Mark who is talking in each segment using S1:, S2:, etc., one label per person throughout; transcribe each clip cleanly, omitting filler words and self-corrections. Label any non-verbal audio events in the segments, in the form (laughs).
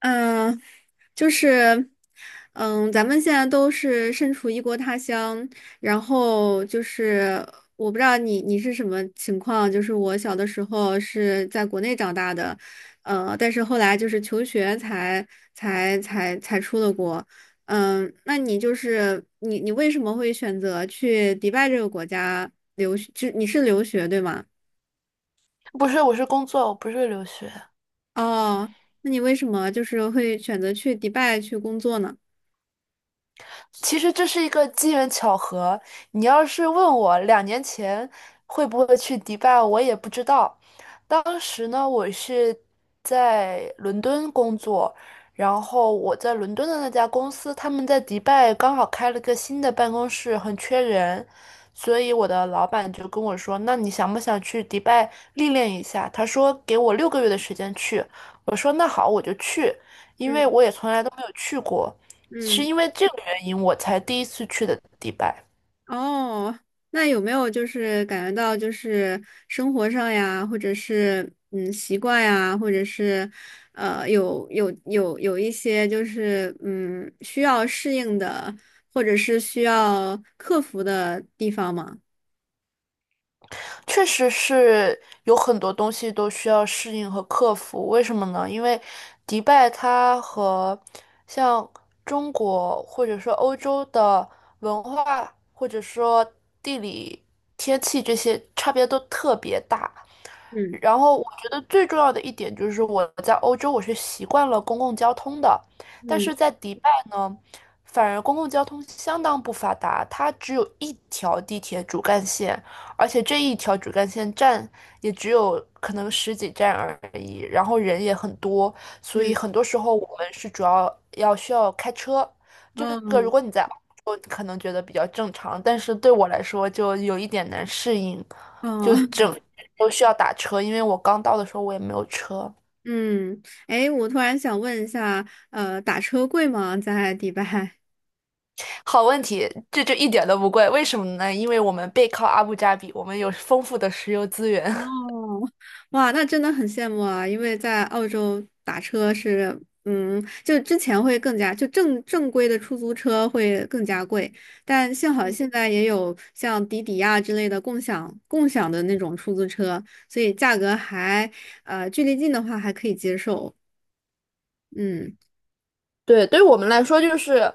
S1: 嗯，就是，咱们现在都是身处异国他乡，然后就是我不知道你是什么情况。就是我小的时候是在国内长大的，但是后来就是求学才出了国。那你就是你为什么会选择去迪拜这个国家留学？就你是留学对吗？
S2: 不是，我是工作，我不是留学。
S1: 哦，那你为什么就是会选择去迪拜去工作呢？
S2: 其实这是一个机缘巧合。你要是问我2年前会不会去迪拜，我也不知道。当时呢，我是在伦敦工作，然后我在伦敦的那家公司，他们在迪拜刚好开了个新的办公室，很缺人，所以我的老板就跟我说：“那你想不想去迪拜历练一下？”他说给我六个月的时间去，我说那好，我就去，因为
S1: 嗯
S2: 我也从来都没有去过。是
S1: 嗯。
S2: 因为这个原因，我才第一次去的迪拜，
S1: 哦，那有没有就是感觉到就是生活上呀，或者是习惯呀，或者是有一些就是需要适应的，或者是需要克服的地方吗？
S2: 确实是有很多东西都需要适应和克服。为什么呢？因为迪拜它和像中国或者说欧洲的文化或者说地理、天气这些差别都特别大，
S1: 嗯
S2: 然后我觉得最重要的一点就是我在欧洲我是习惯了公共交通的，但
S1: 嗯
S2: 是在迪拜呢，反而公共交通相当不发达，它只有一条地铁主干线，而且这一条主干线站也只有可能十几站而已，然后人也很多，所以
S1: 嗯，
S2: 很多时候我们是主要需要开车。这个如
S1: 哦
S2: 果你在欧洲可能觉得比较正常，但是对我来说就有一点难适应。
S1: 哦
S2: 就
S1: (laughs)
S2: 整都需要打车，因为我刚到的时候我也没有车。
S1: 嗯，哎，我突然想问一下，打车贵吗？在迪拜？
S2: 好问题，这就一点都不贵，为什么呢？因为我们背靠阿布扎比，我们有丰富的石油资源。
S1: 哦，哇，那真的很羡慕啊！因为在澳洲打车是，就之前会更加，就正规的出租车会更加贵，但幸好现在也有像滴滴呀之类的共享的那种出租车，所以价格还，距离近的话还可以接受。嗯
S2: 对，对于我们来说，就是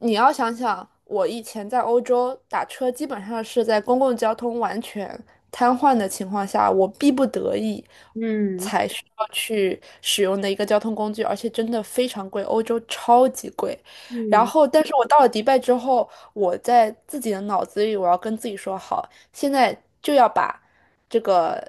S2: 你要想想，我以前在欧洲打车，基本上是在公共交通完全瘫痪的情况下，我逼不得已
S1: 嗯
S2: 才需要去使用的一个交通工具，而且真的非常贵，欧洲超级贵。然
S1: 嗯
S2: 后，但是我到了迪拜之后，我在自己的脑子里，我要跟自己说，好，现在就要把这个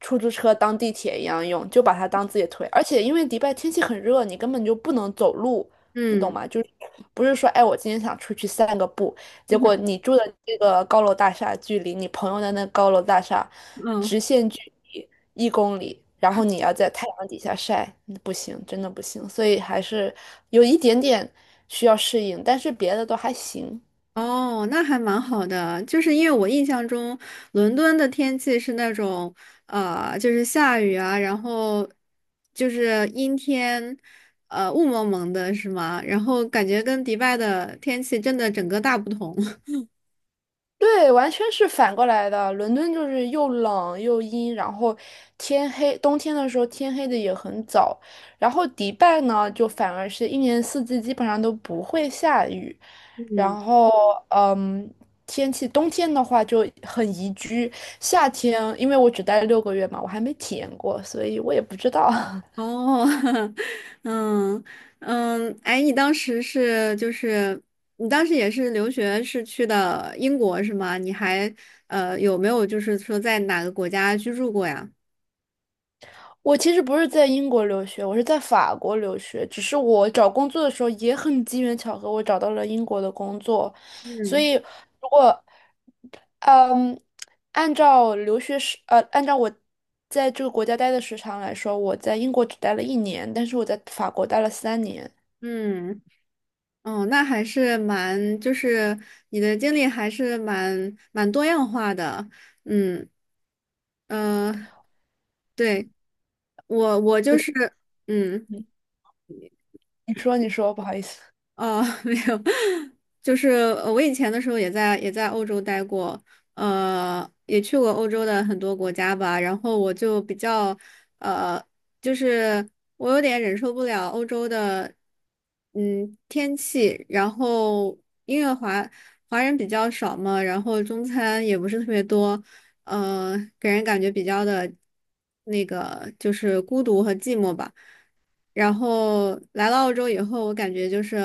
S2: 出租车当地铁一样用，就把它当自己的腿。而且因为迪拜天气很热，你根本就不能走路，你懂
S1: 嗯
S2: 吗？就是不是说，哎，我今天想出去散个步，
S1: 嗯，
S2: 结果
S1: (laughs)
S2: 你住的这个高楼大厦距离你朋友的那高楼大厦
S1: 嗯，
S2: 直线距离1公里，然后你要在太阳底下晒，不行，真的不行。所以还是有一点点需要适应，但是别的都还行。
S1: 哦，那还蛮好的，就是因为我印象中伦敦的天气是那种，就是下雨啊，然后就是阴天，雾蒙蒙的，是吗？然后感觉跟迪拜的天气真的整个大不同。(laughs)
S2: 对，完全是反过来的。伦敦就是又冷又阴，然后天黑，冬天的时候天黑的也很早。然后迪拜呢，就反而是一年四季基本上都不会下雨。然
S1: 嗯，
S2: 后，嗯，天气冬天的话就很宜居，夏天因为我只待了六个月嘛，我还没体验过，所以我也不知道。(laughs)
S1: 哦，(laughs) 嗯，哎，你当时也是留学是去的英国是吗？你还有没有就是说在哪个国家居住过呀？
S2: 我其实不是在英国留学，我是在法国留学。只是我找工作的时候也很机缘巧合，我找到了英国的工作。所
S1: 嗯。
S2: 以，如果嗯，按照留学时呃，按照我在这个国家待的时长来说，我在英国只待了一年，但是我在法国待了3年。
S1: 嗯，哦，那还是蛮，就是你的经历还是蛮多样化的。嗯，呃，对，我就是，
S2: 我
S1: 嗯。
S2: 嗯你说，你说，不好意思。
S1: 哦，(laughs) 没有，就是我以前的时候也在欧洲待过，也去过欧洲的很多国家吧。然后我就比较，呃，就是我有点忍受不了欧洲的，天气。然后因为华人比较少嘛，然后中餐也不是特别多，给人感觉比较的，那个就是孤独和寂寞吧。然后来了澳洲以后，我感觉就是，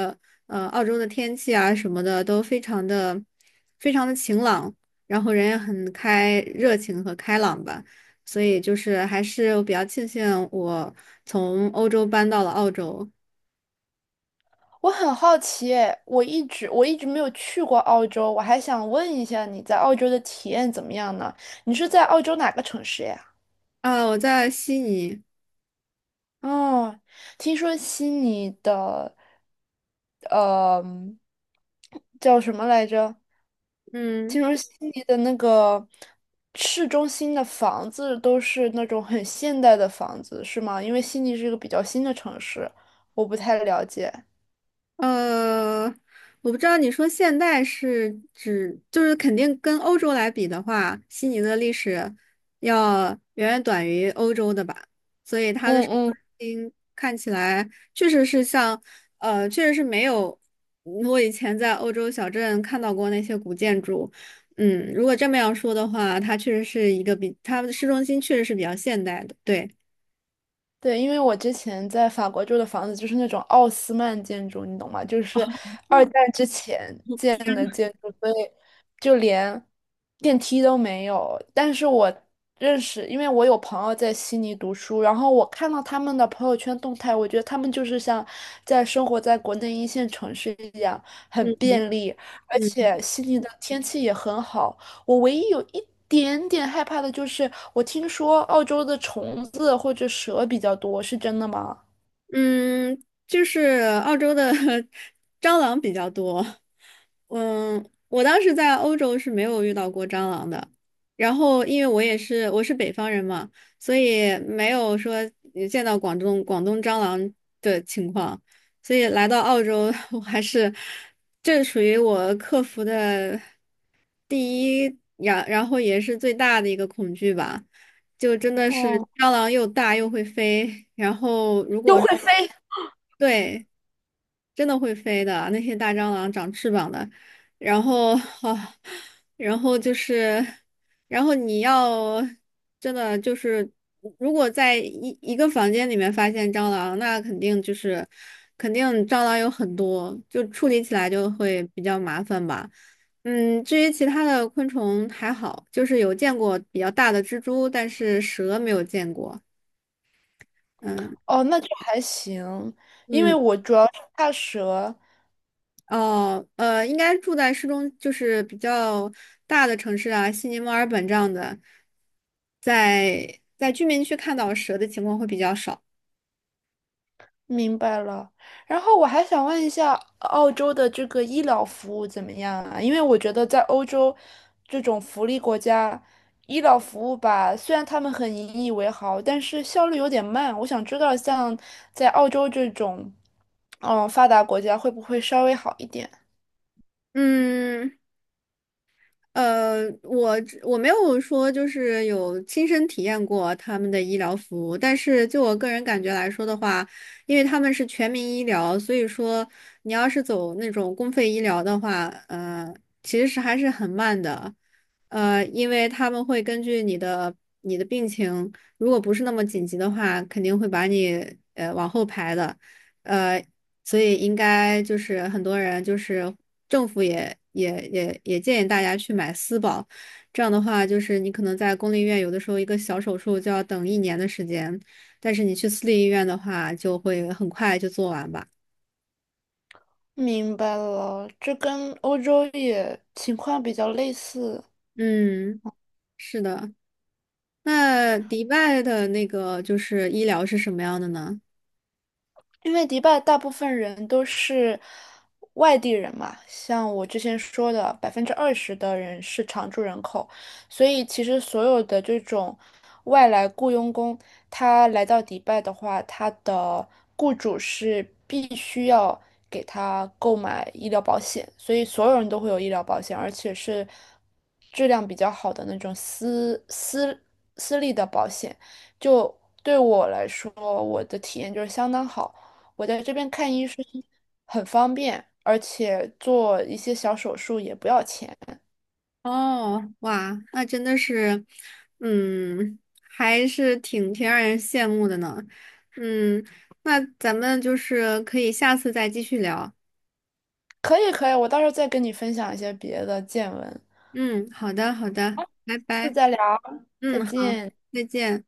S1: 澳洲的天气啊什么的都非常的、非常的晴朗，然后人也很热情和开朗吧。所以就是还是我比较庆幸我从欧洲搬到了澳洲。
S2: 我很好奇诶，我一直没有去过澳洲，我还想问一下你在澳洲的体验怎么样呢？你是在澳洲哪个城市呀？
S1: 啊，我在悉尼。
S2: 哦，听说悉尼的，呃，叫什么来着？听
S1: 嗯。
S2: 说悉尼的那个市中心的房子都是那种很现代的房子，是吗？因为悉尼是一个比较新的城市，我不太了解。
S1: 呃，我不知道你说现代是指，就是肯定跟欧洲来比的话，悉尼的历史要远远短于欧洲的吧，所以它的
S2: 嗯
S1: 市
S2: 嗯。
S1: 中心看起来确实是像，确实是没有我以前在欧洲小镇看到过那些古建筑。嗯，如果这么样说的话，它确实是一个比它的市中心确实是比较现代的，对。
S2: 对，因为我之前在法国住的房子就是那种奥斯曼建筑，你懂吗？就是二战之前建的建筑，所以就连电梯都没有。但是我认识，因为我有朋友在悉尼读书，然后我看到他们的朋友圈动态，我觉得他们就是像在生活在国内一线城市一样，
S1: 嗯
S2: 很便利，而
S1: 嗯。
S2: 且悉尼的天气也很好。我唯一有一点点害怕的就是，我听说澳洲的虫子或者蛇比较多，是真的吗？
S1: 嗯，就是澳洲的 (laughs) 蟑螂比较多。我当时在欧洲是没有遇到过蟑螂的。然后，因为我是北方人嘛，所以没有说也见到广东蟑螂的情况。所以来到澳洲，(laughs) 我还是这属于我克服的第一，然后也是最大的一个恐惧吧。就真的是
S2: 哦，
S1: 蟑螂又大又会飞，然后如
S2: 又
S1: 果
S2: 会飞？
S1: 对，真的会飞的，那些大蟑螂长翅膀的，然后啊，然后就是，然后你要真的就是，如果在一个房间里面发现蟑螂，那肯定就是，肯定蟑螂有很多，就处理起来就会比较麻烦吧。至于其他的昆虫还好，就是有见过比较大的蜘蛛，但是蛇没有见过。嗯
S2: 哦，那就还行，因为
S1: 嗯。
S2: 我主要是怕蛇，
S1: 哦，应该住在就是比较大的城市啊，悉尼、墨尔本这样的，在居民区看到蛇的情况会比较少。
S2: 明白了，然后我还想问一下，澳洲的这个医疗服务怎么样啊？因为我觉得在欧洲这种福利国家，医疗服务吧，虽然他们很引以为豪，但是效率有点慢。我想知道，像在澳洲这种，发达国家会不会稍微好一点？
S1: 嗯，呃，我我没有说就是有亲身体验过他们的医疗服务，但是就我个人感觉来说的话，因为他们是全民医疗，所以说你要是走那种公费医疗的话，其实还是很慢的，因为他们会根据你的病情，如果不是那么紧急的话，肯定会把你往后排的。呃，所以应该就是很多人就是政府也建议大家去买私保，这样的话就是你可能在公立医院有的时候一个小手术就要等1年的时间，但是你去私立医院的话就会很快就做完吧。
S2: 明白了，这跟欧洲也情况比较类似。
S1: 嗯，是的。那迪拜的那个就是医疗是什么样的呢？
S2: 因为迪拜大部分人都是外地人嘛，像我之前说的，20%的人是常住人口，所以其实所有的这种外来雇佣工，他来到迪拜的话，他的雇主是必须要给他购买医疗保险，所以所有人都会有医疗保险，而且是质量比较好的那种私立的保险。就对我来说，我的体验就是相当好。我在这边看医生很方便，而且做一些小手术也不要钱。
S1: 哦，哇，那真的是，嗯，还是挺让人羡慕的呢。嗯，那咱们就是可以下次再继续聊。
S2: 可以，可以，我到时候再跟你分享一些别的见闻。下
S1: 嗯，好的，好的，拜
S2: 次
S1: 拜。
S2: 再聊，再
S1: 嗯，好，
S2: 见。
S1: 再见。